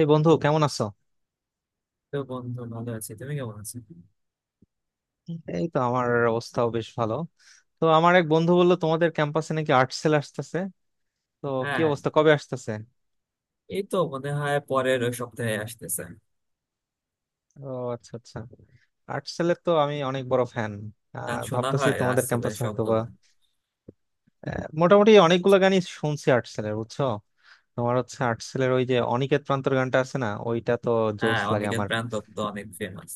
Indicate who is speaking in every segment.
Speaker 1: এই বন্ধু কেমন আছো?
Speaker 2: তো বন্ধু, ভালো আছি। তুমি কেমন আছো?
Speaker 1: এই তো আমার অবস্থাও বেশ ভালো। তো আমার এক বন্ধু বললো তোমাদের ক্যাম্পাসে নাকি আর্ট সেল আসতেছে। তো কি
Speaker 2: হ্যাঁ,
Speaker 1: অবস্থা, কবে আসতেছে?
Speaker 2: এই তো মনে হয় পরের ওই সপ্তাহে আসতেছে।
Speaker 1: ও, আচ্ছা আচ্ছা। আর্ট সেলের তো আমি অনেক বড় ফ্যান।
Speaker 2: গান শোনা
Speaker 1: ভাবতেছি
Speaker 2: হয়
Speaker 1: তোমাদের
Speaker 2: রাসেলের
Speaker 1: ক্যাম্পাসে হয়তো বা
Speaker 2: সবগুলো।
Speaker 1: মোটামুটি অনেকগুলো গানই শুনছি আর্ট সেলের, বুঝছো। তোমার হচ্ছে আর্ট সেলের ওই যে অনিকেত প্রান্তর গানটা আছে না, ওইটা তো জোস
Speaker 2: হ্যাঁ,
Speaker 1: লাগে
Speaker 2: অনিকেত
Speaker 1: আমার,
Speaker 2: প্রাণ দত্ত অনেক ফেমাস।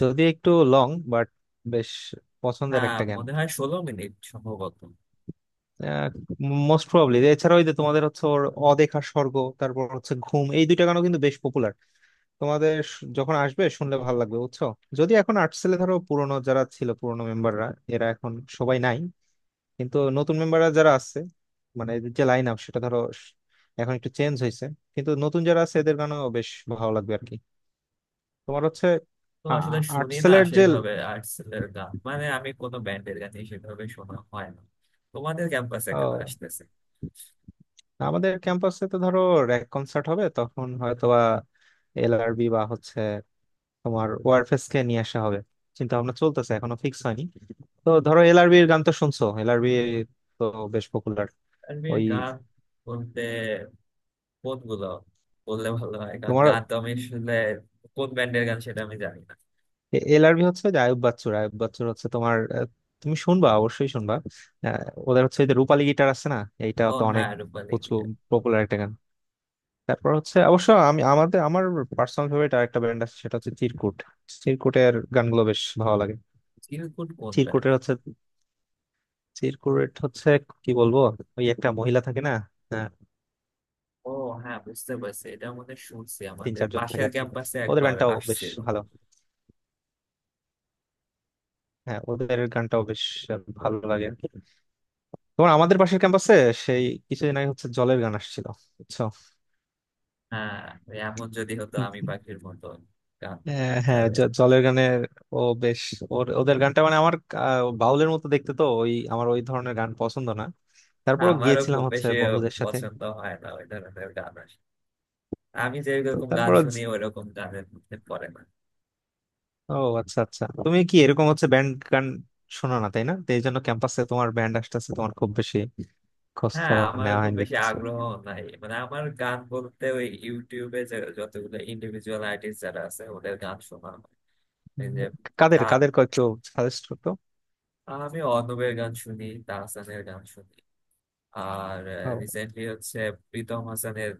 Speaker 1: যদি একটু লং বাট বেশ পছন্দের
Speaker 2: হ্যাঁ,
Speaker 1: একটা গান,
Speaker 2: মনে হয় 16 মিনিট সম্ভবত।
Speaker 1: Most probably. এছাড়া ওই যে তোমাদের হচ্ছে ওর অদেখা স্বর্গ, তারপর হচ্ছে ঘুম, এই দুইটা গানও কিন্তু বেশ পপুলার। তোমাদের যখন আসবে শুনলে ভালো লাগবে, বুঝছো। যদি এখন আর্টসেলে ধরো পুরনো যারা ছিল পুরনো মেম্বাররা, এরা এখন সবাই নাই, কিন্তু নতুন মেম্বাররা যারা আছে, মানে এদের যে লাইন আপ সেটা ধরো এখন একটু চেঞ্জ হয়েছে, কিন্তু নতুন যারা আছে এদের গানও বেশ ভালো লাগবে আর কি। তোমার হচ্ছে
Speaker 2: তো আসলে শুনি না
Speaker 1: আর্টসেলের যে
Speaker 2: সেভাবে আর্টসেলের গান, মানে আমি কোনো ব্যান্ডের গানই সেভাবে শোনা হয় না। তোমাদের ক্যাম্পাসে কারা
Speaker 1: ও,
Speaker 2: আসতেছে?
Speaker 1: আমাদের ক্যাম্পাসে তো ধরো র্যাক কনসার্ট হবে, তখন হয়তোবা এলআরবি বা হচ্ছে তোমার ওয়ারফেস কে নিয়ে আসা হবে, চিন্তা ভাবনা চলতেছে এখনো ফিক্স হয়নি। তো ধরো এলআরবি এর গান তো শুনছো, এলআরবি তো বেশ পপুলার।
Speaker 2: তানভীর
Speaker 1: ওই
Speaker 2: গান বলতে কোনগুলো বললে ভালো হয়, কারণ
Speaker 1: তোমার
Speaker 2: গান তো আমি আসলে কোন ব্যান্ডের গান সেটা আমি জানি না।
Speaker 1: এলআরবি হচ্ছে যে আয়ুব বাচ্চুর, আয়ুব বাচ্চুর হচ্ছে তোমার তুমি শুনবা, অবশ্যই শুনবা। আহ, ওদের হচ্ছে এই যে রূপালী গিটার আছে না, এইটা
Speaker 2: ও
Speaker 1: তো অনেক
Speaker 2: হ্যাঁ, রূপালী।
Speaker 1: প্রচুর পপুলার একটা গান। তারপর হচ্ছে অবশ্য আমি আমাদের আমার পার্সোনাল ফেভারিট আরেকটা ব্যান্ড আছে, সেটা হচ্ছে চিরকুট। চিরকুটের গানগুলো বেশ ভালো লাগে।
Speaker 2: চিরকুট কোন ব্যান্ড?
Speaker 1: চিরকুটের হচ্ছে, চিরকুট হচ্ছে কি বলবো, ওই একটা মহিলা থাকে না,
Speaker 2: ও হ্যাঁ, বুঝতে পারছি, এটা মধ্যে শুনছি,
Speaker 1: তিন
Speaker 2: আমাদের
Speaker 1: চারজন থাকে
Speaker 2: পাশের
Speaker 1: আর কি।
Speaker 2: ক্যাম্পাসে
Speaker 1: ওদের
Speaker 2: একবার
Speaker 1: ব্যান্ডটাও বেশ
Speaker 2: আসছিল।
Speaker 1: ভালো, হ্যাঁ ওদের গানটাও বেশ ভালো লাগে আর কি। তোমার আমাদের পাশের ক্যাম্পাসে সেই কিছুদিন আগে হচ্ছে জলের গান আসছিল, বুঝছো।
Speaker 2: হ্যাঁ, ওই এমন যদি হতো আমি পাখির মতো গান
Speaker 1: হ্যাঁ হ্যাঁ,
Speaker 2: তাদের।
Speaker 1: জলের গানের ও বেশ, ওর ওদের গানটা মানে আমার বাউলের মতো দেখতে তো, ওই আমার ওই ধরনের গান পছন্দ না,
Speaker 2: হ্যাঁ,
Speaker 1: তারপরও
Speaker 2: আমারও
Speaker 1: গিয়েছিলাম
Speaker 2: খুব
Speaker 1: হচ্ছে
Speaker 2: বেশি
Speaker 1: বন্ধুদের সাথে।
Speaker 2: পছন্দ হয় না ওই ধরনের গান আসে। আমি
Speaker 1: তো
Speaker 2: যেরকম গান
Speaker 1: তারপর
Speaker 2: শুনি ওইরকম গানের মধ্যে পড়ে না।
Speaker 1: ও, আচ্ছা আচ্ছা, তুমি কি এরকম হচ্ছে ব্যান্ড গান শোনো না তাই না, তো এই জন্য ক্যাম্পাসে তোমার ব্যান্ড আসতেছে তোমার খুব বেশি খোঁজ
Speaker 2: হ্যাঁ,
Speaker 1: খবর
Speaker 2: আমার
Speaker 1: নেওয়া
Speaker 2: খুব
Speaker 1: হয়নি
Speaker 2: বেশি
Speaker 1: দেখতেছি।
Speaker 2: আগ্রহ নাই, মানে আমার গান বলতে ওই ইউটিউবে যে যতগুলো ইন্ডিভিজুয়াল আর্টিস্ট যারা আছে ওদের গান শোনা হয়। এই
Speaker 1: উম,
Speaker 2: যে
Speaker 1: কাদের
Speaker 2: তার,
Speaker 1: কাদের কয়েকটু সাজেস্ট করতো।
Speaker 2: আমি অনুপের গান শুনি, তাহসানের গান শুনি। আর
Speaker 1: ও,
Speaker 2: রিসেন্টলি হচ্ছে প্রীতম হাসানের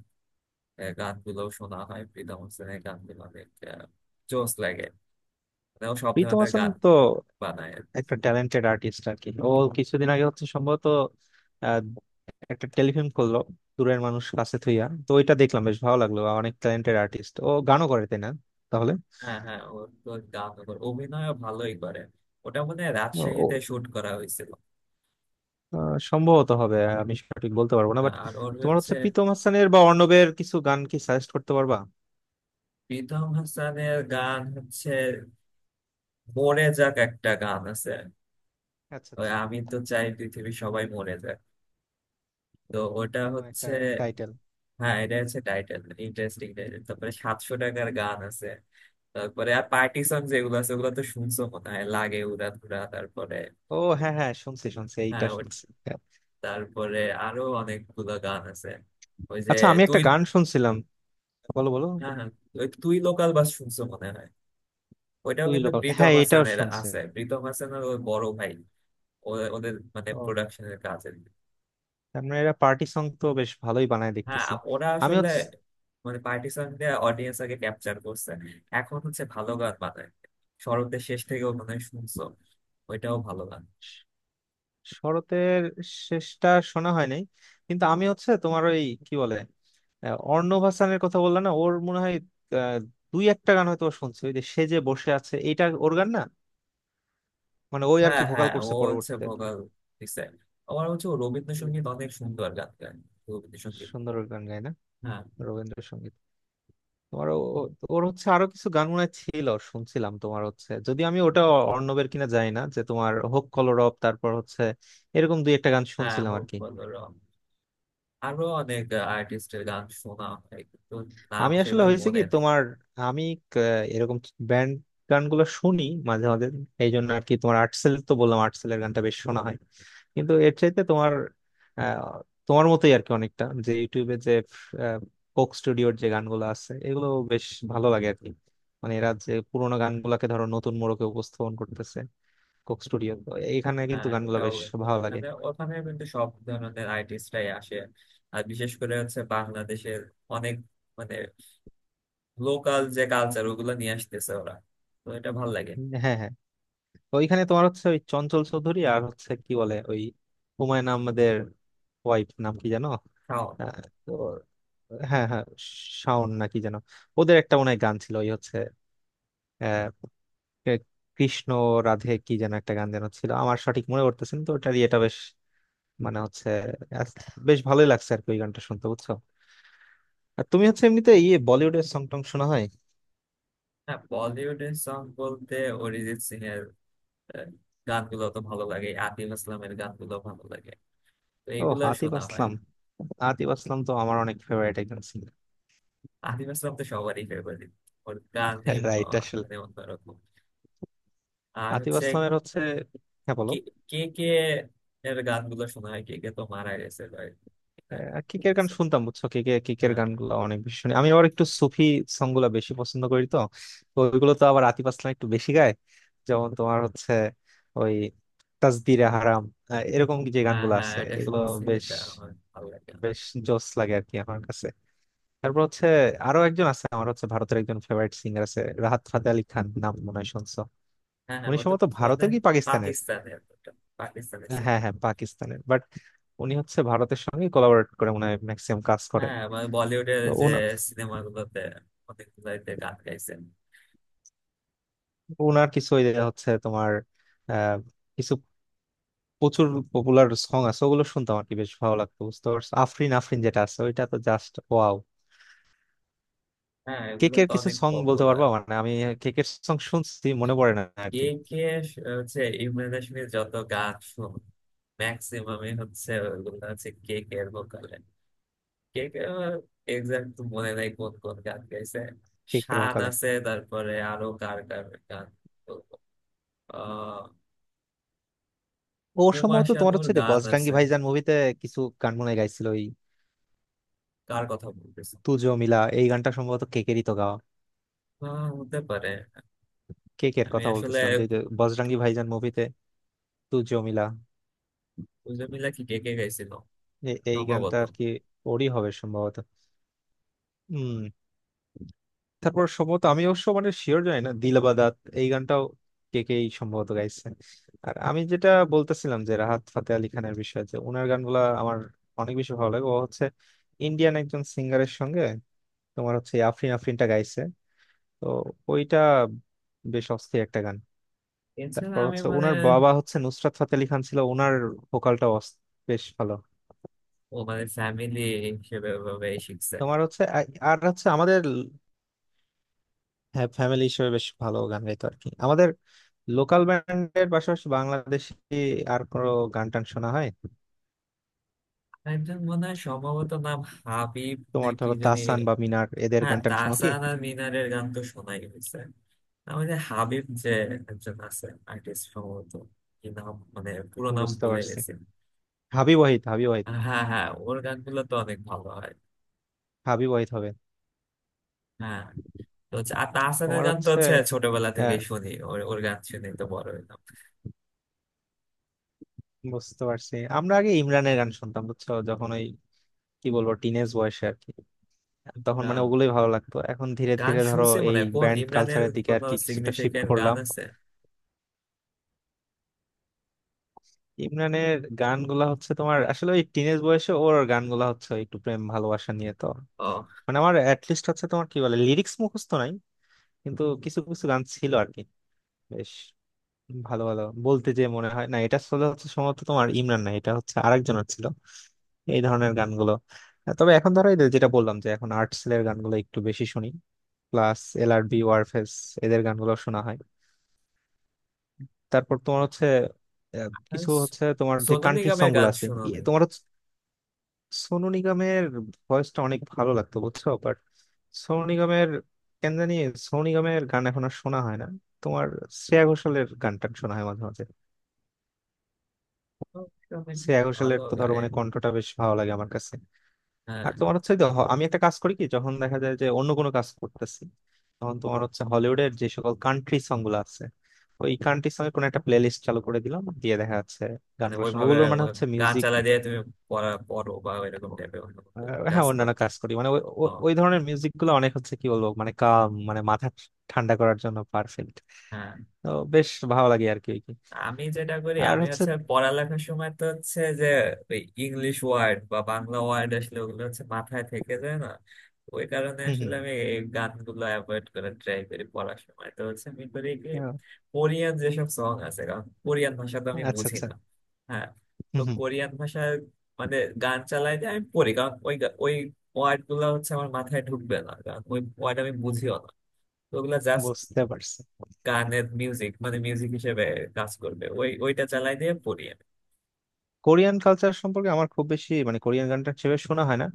Speaker 2: গানগুলো শোনা হয়। প্রীতম হাসানের গানগুলো অনেক জোস লাগে। মানে ও সব
Speaker 1: প্রীতম
Speaker 2: ধরনের
Speaker 1: হাসান
Speaker 2: গান
Speaker 1: তো
Speaker 2: বানায় আর কি।
Speaker 1: একটা ট্যালেন্টেড আর্টিস্ট আর কি। ও কিছুদিন আগে হচ্ছে সম্ভবত আহ, একটা টেলিফিল্ম করলো, দূরের মানুষ কাছে থুইয়া, তো ওইটা দেখলাম বেশ ভালো লাগলো। অনেক ট্যালেন্টেড আর্টিস্ট, ও গানও করে তাই না, তাহলে।
Speaker 2: হ্যাঁ হ্যাঁ, ওর তো গান, ওর অভিনয়ও ভালোই করে। ওটা মনে হয়
Speaker 1: ও
Speaker 2: রাজশাহীতে
Speaker 1: ও,
Speaker 2: শুট করা হয়েছিল।
Speaker 1: সম্ভবত হবে, আমি সঠিক বলতে পারবো না বাট
Speaker 2: আর ওর
Speaker 1: তোমার
Speaker 2: হচ্ছে,
Speaker 1: হচ্ছে প্রীতম হাসানের বা অর্ণবের কিছু গান কি সাজেস্ট করতে পারবা।
Speaker 2: প্রীতম হাসানের গান হচ্ছে মরে যাক, একটা গান আছে।
Speaker 1: আচ্ছা
Speaker 2: ওই
Speaker 1: আচ্ছা,
Speaker 2: আমি তো চাই পৃথিবী সবাই মরে যাক। তো ওটা
Speaker 1: কেমন একটা
Speaker 2: হচ্ছে
Speaker 1: টাইটেল।
Speaker 2: হ্যাঁ, এটা হচ্ছে টাইটেল। Interesting title. তারপরে 700 টাকার গান আছে। তারপরে আর পার্টি সং যেগুলো আছে ওগুলো তো শুনছো মনে হয়, লাগে উড়া ধুরা, তারপরে
Speaker 1: ও হ্যাঁ হ্যাঁ, শুনছি শুনছি, এইটা
Speaker 2: হ্যাঁ।
Speaker 1: শুনছি।
Speaker 2: তারপরে আরো অনেকগুলো গান আছে। ওই যে
Speaker 1: আচ্ছা আমি একটা
Speaker 2: তুই।
Speaker 1: গান শুনছিলাম, বলো বলো।
Speaker 2: হ্যাঁ হ্যাঁ, ওই তুই লোকাল বাস শুনছো মনে হয়। ওইটাও
Speaker 1: দুই
Speaker 2: কিন্তু
Speaker 1: লোকাল,
Speaker 2: প্রীতম
Speaker 1: হ্যাঁ এটাও
Speaker 2: হাসানের
Speaker 1: শুনছে
Speaker 2: আছে, প্রীতম হাসানের ওর বড় ভাই। ওদের মানে
Speaker 1: তো।
Speaker 2: প্রোডাকশনের কাজ।
Speaker 1: তার মানে এরা পার্টি সং তো বেশ ভালোই বানায়
Speaker 2: হ্যাঁ,
Speaker 1: দেখতেছি।
Speaker 2: ওরা
Speaker 1: আমি
Speaker 2: আসলে
Speaker 1: হচ্ছে
Speaker 2: মানে পার্টিশন দিয়ে অডিয়েন্স আগে ক্যাপচার করছে, এখন হচ্ছে ভালো গান বানায়। শরতের শেষ থেকেও মানে শুনছো, ওইটাও ভালো গান।
Speaker 1: শ- শরতের শেষটা শোনা হয় নাই, কিন্তু আমি হচ্ছে তোমার ওই কি বলে অর্ণব হাসানের কথা বললা না, ওর মনে হয় আহ, দুই একটা গান হয়তো ও শুনছে, ওই যে সে যে বসে আছে, এইটা ওর গান না, মানে ওই আর
Speaker 2: হ্যাঁ
Speaker 1: কি ভোকাল
Speaker 2: হ্যাঁ, ও
Speaker 1: করছে
Speaker 2: হচ্ছে
Speaker 1: পরবর্তীতে আর কি।
Speaker 2: ভোকাল দিছে। আমার হচ্ছে ও
Speaker 1: হুম।
Speaker 2: রবীন্দ্রসঙ্গীত অনেক সুন্দর গান গায়। রবীন্দ্রসঙ্গীত
Speaker 1: সুন্দর
Speaker 2: গুলো।
Speaker 1: ওর গান গায় না
Speaker 2: হ্যাঁ
Speaker 1: রবীন্দ্রসঙ্গীত। তোমার ওর হচ্ছে আরো কিছু গান মনে হয় ছিল শুনছিলাম, তোমার হচ্ছে যদি আমি ওটা অর্ণবের কিনা জানি না, যে তোমার হোক কলরব, তারপর হচ্ছে এরকম দুই একটা গান
Speaker 2: হ্যাঁ,
Speaker 1: শুনছিলাম আর
Speaker 2: হোক
Speaker 1: কি।
Speaker 2: বলো র। আরো অনেক আর্টিস্টের গান শোনা হয় কিন্তু নাম
Speaker 1: আমি আসলে
Speaker 2: সেভাবে
Speaker 1: হয়েছে কি
Speaker 2: মনে নেই।
Speaker 1: তোমার, আমি ক- এরকম ব্যান্ড গানগুলো শুনি মাঝে মাঝে, এই জন্য আর কি তোমার আর্টসেল তো বললাম আর্টসেলের গানটা বেশ শোনা হয়, কিন্তু এর চাইতে তোমার আহ, তোমার মতোই আর কি অনেকটা, যে ইউটিউবে যে কোক স্টুডিওর যে গানগুলো আছে এগুলো বেশ ভালো লাগে আর কি। মানে এরা যে পুরোনো গানগুলোকে ধরো নতুন মোড়কে উপস্থাপন করতেছে কোক স্টুডিও তো, এইখানে
Speaker 2: হ্যাঁ
Speaker 1: কিন্তু
Speaker 2: হ্যাঁ,
Speaker 1: গানগুলো
Speaker 2: ওটাও
Speaker 1: বেশ
Speaker 2: একটু
Speaker 1: ভালো লাগে।
Speaker 2: ওখানে ওখানে কিন্তু সব ধরনের আর্টিস্টরাই আসে। আর বিশেষ করে হচ্ছে বাংলাদেশের অনেক মানে লোকাল যে কালচার ওগুলো নিয়ে আসতেছে ওরা। তো এটা ভাল লাগে।
Speaker 1: হ্যাঁ হ্যাঁ, তো ওইখানে তোমার হচ্ছে ওই চঞ্চল চৌধুরী আর হচ্ছে কি বলে ওই হুমায়ুন আহমেদের ওয়াইফ নাম কি জানো,
Speaker 2: তাও
Speaker 1: আহ, তো হ্যাঁ হ্যাঁ, শাওন না কি যেন। ওদের একটা মনে হয় গান ছিল ওই হচ্ছে আহ, এ- কৃষ্ণ রাধে কি যেন একটা গান যেন ছিল আমার সঠিক মনে করতেছেন তো, ওটার ইয়েটা বেশ মানে হচ্ছে আস- বেশ ভালোই লাগছে আর কি ওই গানটা শুনতে, বুঝছো। আর তুমি হচ্ছে এমনিতে ইয়ে বলিউডের সং টং শোনা হয়।
Speaker 2: হ্যাঁ, বলিউডের সং বলতে অরিজিৎ সিং এর আহ, গানগুলো তো ভালো লাগে, আতিফ আসলামের গানগুলো ভালো লাগে। তো
Speaker 1: ও
Speaker 2: এইগুলো
Speaker 1: আতিফ
Speaker 2: শোনা হয়।
Speaker 1: আসলাম, আতিফ আসলাম তো আমার অনেক ফেভারিট একজন সিঙ্গার।
Speaker 2: আতিফ আসলাম তো সবারই ফেভারিট, ওর গানই
Speaker 1: রাইট
Speaker 2: মানে অন্যরকম। আর
Speaker 1: আতিফ
Speaker 2: হচ্ছে
Speaker 1: আসলামের হচ্ছে, হ্যাঁ বলো।
Speaker 2: কে, কে কে এর গানগুলো শোনা হয়। কে কে তো মারা গেছে ভাই কিছুদিন আগে।
Speaker 1: কিকের গান
Speaker 2: শুনছো?
Speaker 1: শুনতাম, বুঝছো, কিকে কিকের
Speaker 2: হ্যাঁ।
Speaker 1: গানগুলো অনেক বেশি শুনি, আমি আবার একটু সুফি সং গুলা বেশি পছন্দ করি তো। তো ওইগুলো তো আবার আতিফ আসলাম একটু বেশি গায়, যেমন তোমার হচ্ছে ওই তাসবিরে হারাম এরকম যে
Speaker 2: হ্যাঁ
Speaker 1: গানগুলো
Speaker 2: হ্যাঁ,
Speaker 1: আছে
Speaker 2: এটা
Speaker 1: এগুলো
Speaker 2: শুনছি,
Speaker 1: বেশ
Speaker 2: এটা আমার ভালো লাগে।
Speaker 1: বেশ জোস লাগে আর কি আমার কাছে। তারপর হচ্ছে আরো একজন আছে, আমার হচ্ছে ভারতের একজন ফেভারিট সিঙ্গার আছে, রাহাত ফাতে আলি খান নাম মনে হয় শুনছো।
Speaker 2: হ্যাঁ হ্যাঁ,
Speaker 1: উনি
Speaker 2: ও তো
Speaker 1: সম্ভবত
Speaker 2: মনে
Speaker 1: ভারতের
Speaker 2: হয়
Speaker 1: কি পাকিস্তানের,
Speaker 2: পাকিস্তানের, ওটা, পাকিস্তানের
Speaker 1: হ্যাঁ
Speaker 2: ছেলে।
Speaker 1: হ্যাঁ পাকিস্তানের, বাট উনি হচ্ছে ভারতের সঙ্গে কোলাবরেট করে মনে হয় ম্যাক্সিমাম কাজ করেন।
Speaker 2: হ্যাঁ মানে বলিউডের
Speaker 1: তো
Speaker 2: যে সিনেমাগুলোতে অনেকগুলোতে গান গাইছেন।
Speaker 1: উনার কিছু ওই যে হচ্ছে তোমার আহ, কিছু প্রচুর পপুলার সং আছে ওগুলো শুনতাম আর কি, বেশ ভালো লাগতো, বুঝতে পারছো। আফরিন আফরিন যেটা আছে ওইটা তো জাস্ট ওয়াও।
Speaker 2: হ্যাঁ, এগুলো
Speaker 1: কেকের
Speaker 2: তো
Speaker 1: কিছু
Speaker 2: অনেক
Speaker 1: সং বলতে পারবা,
Speaker 2: পপুলার।
Speaker 1: মানে আমি কেকের সং শুনছি, মনে পড়ে না আর
Speaker 2: কে
Speaker 1: কি।
Speaker 2: কে হচ্ছে ইমরান হাশমির যত গান শুন, ম্যাক্সিমামই হচ্ছে ওগুলো হচ্ছে কে কে এর ভোকালে। কেকে আমার এক্সাক্ট তো মনে নাই কোন কোন গান গাইছে।
Speaker 1: কেকের
Speaker 2: শান
Speaker 1: ভোকালে
Speaker 2: আছে, তারপরে আরো কার কার গান বলবো, আহ।
Speaker 1: ও
Speaker 2: হুমা
Speaker 1: সম্ভবত তোমার
Speaker 2: শানুর
Speaker 1: হচ্ছে যে
Speaker 2: গান
Speaker 1: বজরঙ্গি
Speaker 2: আছে।
Speaker 1: ভাইজান মুভিতে কিছু গান মনে হয় গাইছিল, ওই
Speaker 2: কার কথা বলতেছি?
Speaker 1: তুজো মিলা এই গানটা সম্ভবত কেকেরই তো গাওয়া।
Speaker 2: আহ, হতে পারে।
Speaker 1: কেকের
Speaker 2: আমি
Speaker 1: কথা
Speaker 2: আসলে
Speaker 1: বলতেছিলাম যে যে বজরঙ্গি ভাইজান মুভিতে তু জমিলা,
Speaker 2: দুজন মিলা কি কে কে গাইছিল
Speaker 1: এই গানটা
Speaker 2: সম্ভবত।
Speaker 1: আর কি, ওরই হবে সম্ভবত। হম। তারপর সম্ভবত আমি অবশ্য মানে শিওর জানি না, দিলবাদাত এই গানটাও কে কেই সম্ভবত গাইছে। আর আমি যেটা বলতেছিলাম যে রাহাত ফাতে আলি খানের বিষয়ে, যে ওনার গানগুলা আমার অনেক বেশি ভালো লাগে, ও হচ্ছে ইন্ডিয়ান একজন সিঙ্গারের সঙ্গে তোমার হচ্ছে এই আফরিন আফরিনটা গাইছে, তো ওইটা বেশ অস্থির একটা গান।
Speaker 2: এছাড়া
Speaker 1: তারপর
Speaker 2: আমি
Speaker 1: হচ্ছে
Speaker 2: মানে
Speaker 1: ওনার বাবা হচ্ছে নুসরাত ফাতে আলি খান ছিল, ওনার ভোকালটা বেশ ভালো।
Speaker 2: ও মানে ফ্যামিলি হিসেবে ভাবে শিখছে।
Speaker 1: তোমার হচ্ছে আর হচ্ছে আমাদের, হ্যাঁ ফ্যামিলি হিসেবে বেশ ভালো গান গাইতো আর কি। আমাদের লোকাল ব্যান্ডের পাশাপাশি বাংলাদেশি আর কোনো গান টান শোনা হয়,
Speaker 2: একজন মনে হয় সম্ভবত নাম হাবিব
Speaker 1: তোমার
Speaker 2: নাকি
Speaker 1: ধরো
Speaker 2: জানি।
Speaker 1: তাসান বা মিনার এদের
Speaker 2: হ্যাঁ,
Speaker 1: গান টান শোনো কি।
Speaker 2: তাহসান আর মিনারের গান তো শোনাই হয়েছে। আমাদের হাবিব যে একজন আছে আর্টিস্ট সম্ভবত, কি নাম মানে পুরো নাম
Speaker 1: বুঝতে
Speaker 2: ভুলে
Speaker 1: পারছি,
Speaker 2: গেছি।
Speaker 1: হাবিব ওয়াহিদ, হাবিব ওয়াহিদ
Speaker 2: হ্যাঁ হ্যাঁ, ওর গানগুলো তো অনেক ভালো হয়।
Speaker 1: হাবিব ওয়াহিদ হবে।
Speaker 2: হ্যাঁ। তো হচ্ছে আর তাহসানের
Speaker 1: তোমার
Speaker 2: গান তো
Speaker 1: হচ্ছে
Speaker 2: হচ্ছে ছোটবেলা
Speaker 1: আহ,
Speaker 2: থেকেই শুনি, ওর ওর গান শুনে তো বড় হইলাম।
Speaker 1: বুঝতে পারছি, আমরা আগে ইমরানের গান শুনতাম বুঝছো, যখন ওই কি বলবো টিনেজ বয়সে আর কি, তখন মানে
Speaker 2: গান
Speaker 1: ওগুলোই ভালো লাগতো, এখন ধীরে
Speaker 2: গান
Speaker 1: ধীরে ধরো
Speaker 2: শুনছি মনে
Speaker 1: এই
Speaker 2: হয় কোন
Speaker 1: ব্যান্ড
Speaker 2: ইমরানের
Speaker 1: কালচারের দিকে আর
Speaker 2: কোনো
Speaker 1: কি কিছুটা শিফট
Speaker 2: সিগনিফিকেন্ট গান
Speaker 1: করলাম।
Speaker 2: আছে?
Speaker 1: ইমরানের গানগুলা হচ্ছে তোমার আসলে ওই টিনেজ বয়সে, ওর গানগুলা হচ্ছে ওই একটু প্রেম ভালোবাসা নিয়ে তো,
Speaker 2: ও,
Speaker 1: মানে আমার অ্যাটলিস্ট হচ্ছে তোমার কি বলে লিরিক্স মুখস্থ নাই, কিন্তু কিছু কিছু গান ছিল আর কি বেশ ভালো, ভালো বলতে যে মনে হয় না, এটা আসলে হচ্ছে সম্ভবত তোমার ইমরান না, এটা হচ্ছে আরেকজনের ছিল এই ধরনের গানগুলো। তবে এখন ধরো এই যে যেটা বললাম যে এখন আর্টসেলের গানগুলো একটু বেশি শুনি, প্লাস এলআরবি ওয়ারফেজ এদের গানগুলো শোনা হয়। তারপর তোমার হচ্ছে
Speaker 2: আর
Speaker 1: কিছু হচ্ছে তোমার যে
Speaker 2: সোনু
Speaker 1: কান্ট্রি সং
Speaker 2: নিগমের
Speaker 1: গুলো
Speaker 2: গান
Speaker 1: আছে,
Speaker 2: শুনো নাকি?
Speaker 1: তোমার সোনু নিগমের ভয়েসটা অনেক ভালো লাগতো বুঝছো, বাট সোনু নিগমের কেন জানি, সোনু নিগমের গান এখন আর শোনা হয় না। তোমার শ্রেয়া ঘোষালের গানটা শোনা হয় মাঝে মাঝে,
Speaker 2: ও, সে অনেক
Speaker 1: শ্রেয়া ঘোষালের
Speaker 2: ভালো
Speaker 1: তো ধরো
Speaker 2: গায়।
Speaker 1: মানে কণ্ঠটা বেশ ভালো লাগে আমার কাছে।
Speaker 2: হ্যাঁ,
Speaker 1: আর তোমার হচ্ছে যে আমি একটা কাজ করি কি, যখন দেখা যায় যে অন্য কোনো কাজ করতেছি, তখন তোমার হচ্ছে হলিউডের যে সকল কান্ট্রি সং গুলো আছে ওই কান্ট্রি সঙ্গে কোনো একটা প্লেলিস্ট চালু করে দিলাম, দিয়ে দেখা যাচ্ছে
Speaker 2: মানে
Speaker 1: গানগুলো
Speaker 2: ওইভাবে
Speaker 1: ওগুলোর মানে হচ্ছে
Speaker 2: গান
Speaker 1: মিউজিক
Speaker 2: চালা দিয়ে তুমি পড়া পড়ো বা এরকম টাইপের অন্য
Speaker 1: আহ,
Speaker 2: কোনো
Speaker 1: হ্যাঁ
Speaker 2: ক্লাস
Speaker 1: অন্যান্য
Speaker 2: করো?
Speaker 1: কাজ করি মানে ওই ওই
Speaker 2: ও,
Speaker 1: ওই ধরনের মিউজিক গুলো অনেক হচ্ছে কি বলবো মানে কাম মানে মাথা ঠান্ডা করার জন্য পারফেক্ট।
Speaker 2: হ্যাঁ।
Speaker 1: তো বেশ ভালো লাগে আর কি ওই কি।
Speaker 2: আমি যেটা করি,
Speaker 1: আর
Speaker 2: আমি
Speaker 1: হচ্ছে
Speaker 2: হচ্ছে পড়ালেখার সময় তো হচ্ছে যে ওই ইংলিশ ওয়ার্ড বা বাংলা ওয়ার্ড আসলে ওগুলো হচ্ছে মাথায় থেকে যায় না। ওই কারণে
Speaker 1: হম
Speaker 2: আসলে আমি এই গানগুলো অ্যাভয়েড করে ট্রাই করি। পড়ার সময় তো হচ্ছে আমি করি কি,
Speaker 1: হম,
Speaker 2: কোরিয়ান যেসব সং আছে, কারণ কোরিয়ান ভাষা তো আমি
Speaker 1: আচ্ছা
Speaker 2: বুঝি
Speaker 1: আচ্ছা,
Speaker 2: না। হ্যাঁ, তো
Speaker 1: হম হম,
Speaker 2: কোরিয়ান ভাষায় মানে গান চালাই দিয়ে আমি পড়ি, কারণ ওই ওই ওয়ার্ড গুলো হচ্ছে আমার মাথায় ঢুকবে না, কারণ ওই ওয়ার্ড আমি বুঝিও না। তো ওগুলা জাস্ট
Speaker 1: বুঝতে পারছি।
Speaker 2: কানের মিউজিক মানে মিউজিক হিসেবে কাজ করবে, ওই ওইটা চালাই দিয়ে পড়ি আমি।
Speaker 1: কোরিয়ান কালচার সম্পর্কে আমার খুব বেশি মানে কোরিয়ান গানটা সেভাবে শোনা হয় না,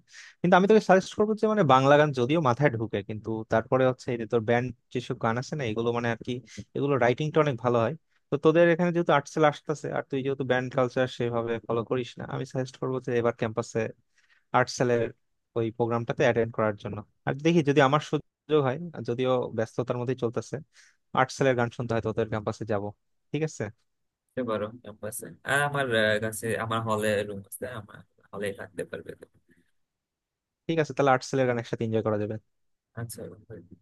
Speaker 1: কিন্তু আমি তোকে সাজেস্ট করবো যে মানে বাংলা গান যদিও মাথায় ঢুকে, কিন্তু তারপরে হচ্ছে এই যে তোর ব্যান্ড যেসব গান আছে না এগুলো মানে আর কি, এগুলো রাইটিংটা অনেক ভালো হয়। তো তোদের এখানে যেহেতু আর্টসেল আসতেছে আর তুই যেহেতু ব্যান্ড কালচার সেভাবে ফলো করিস না, আমি সাজেস্ট করবো যে এবার ক্যাম্পাসে আর্টসেলের ওই প্রোগ্রামটাতে অ্যাটেন্ড করার জন্য। আর দেখি যদি আমার সুযোগ হয়, আর যদিও ব্যস্ততার মধ্যেই চলতেছে, আর্টসেলের গান শুনতে হয় তোদের ক্যাম্পাসে যাব, ঠিক আছে।
Speaker 2: বুঝতে পারো ক্যাম্পাসে। আর আমার কাছে আমার হলে রুম আছে, আমার হলে থাকতে পারবে তুমি।
Speaker 1: ঠিক আছে, তাহলে আর্টসেলের গান একসাথে এনজয় করা যাবে।
Speaker 2: আচ্ছা বন্ধু,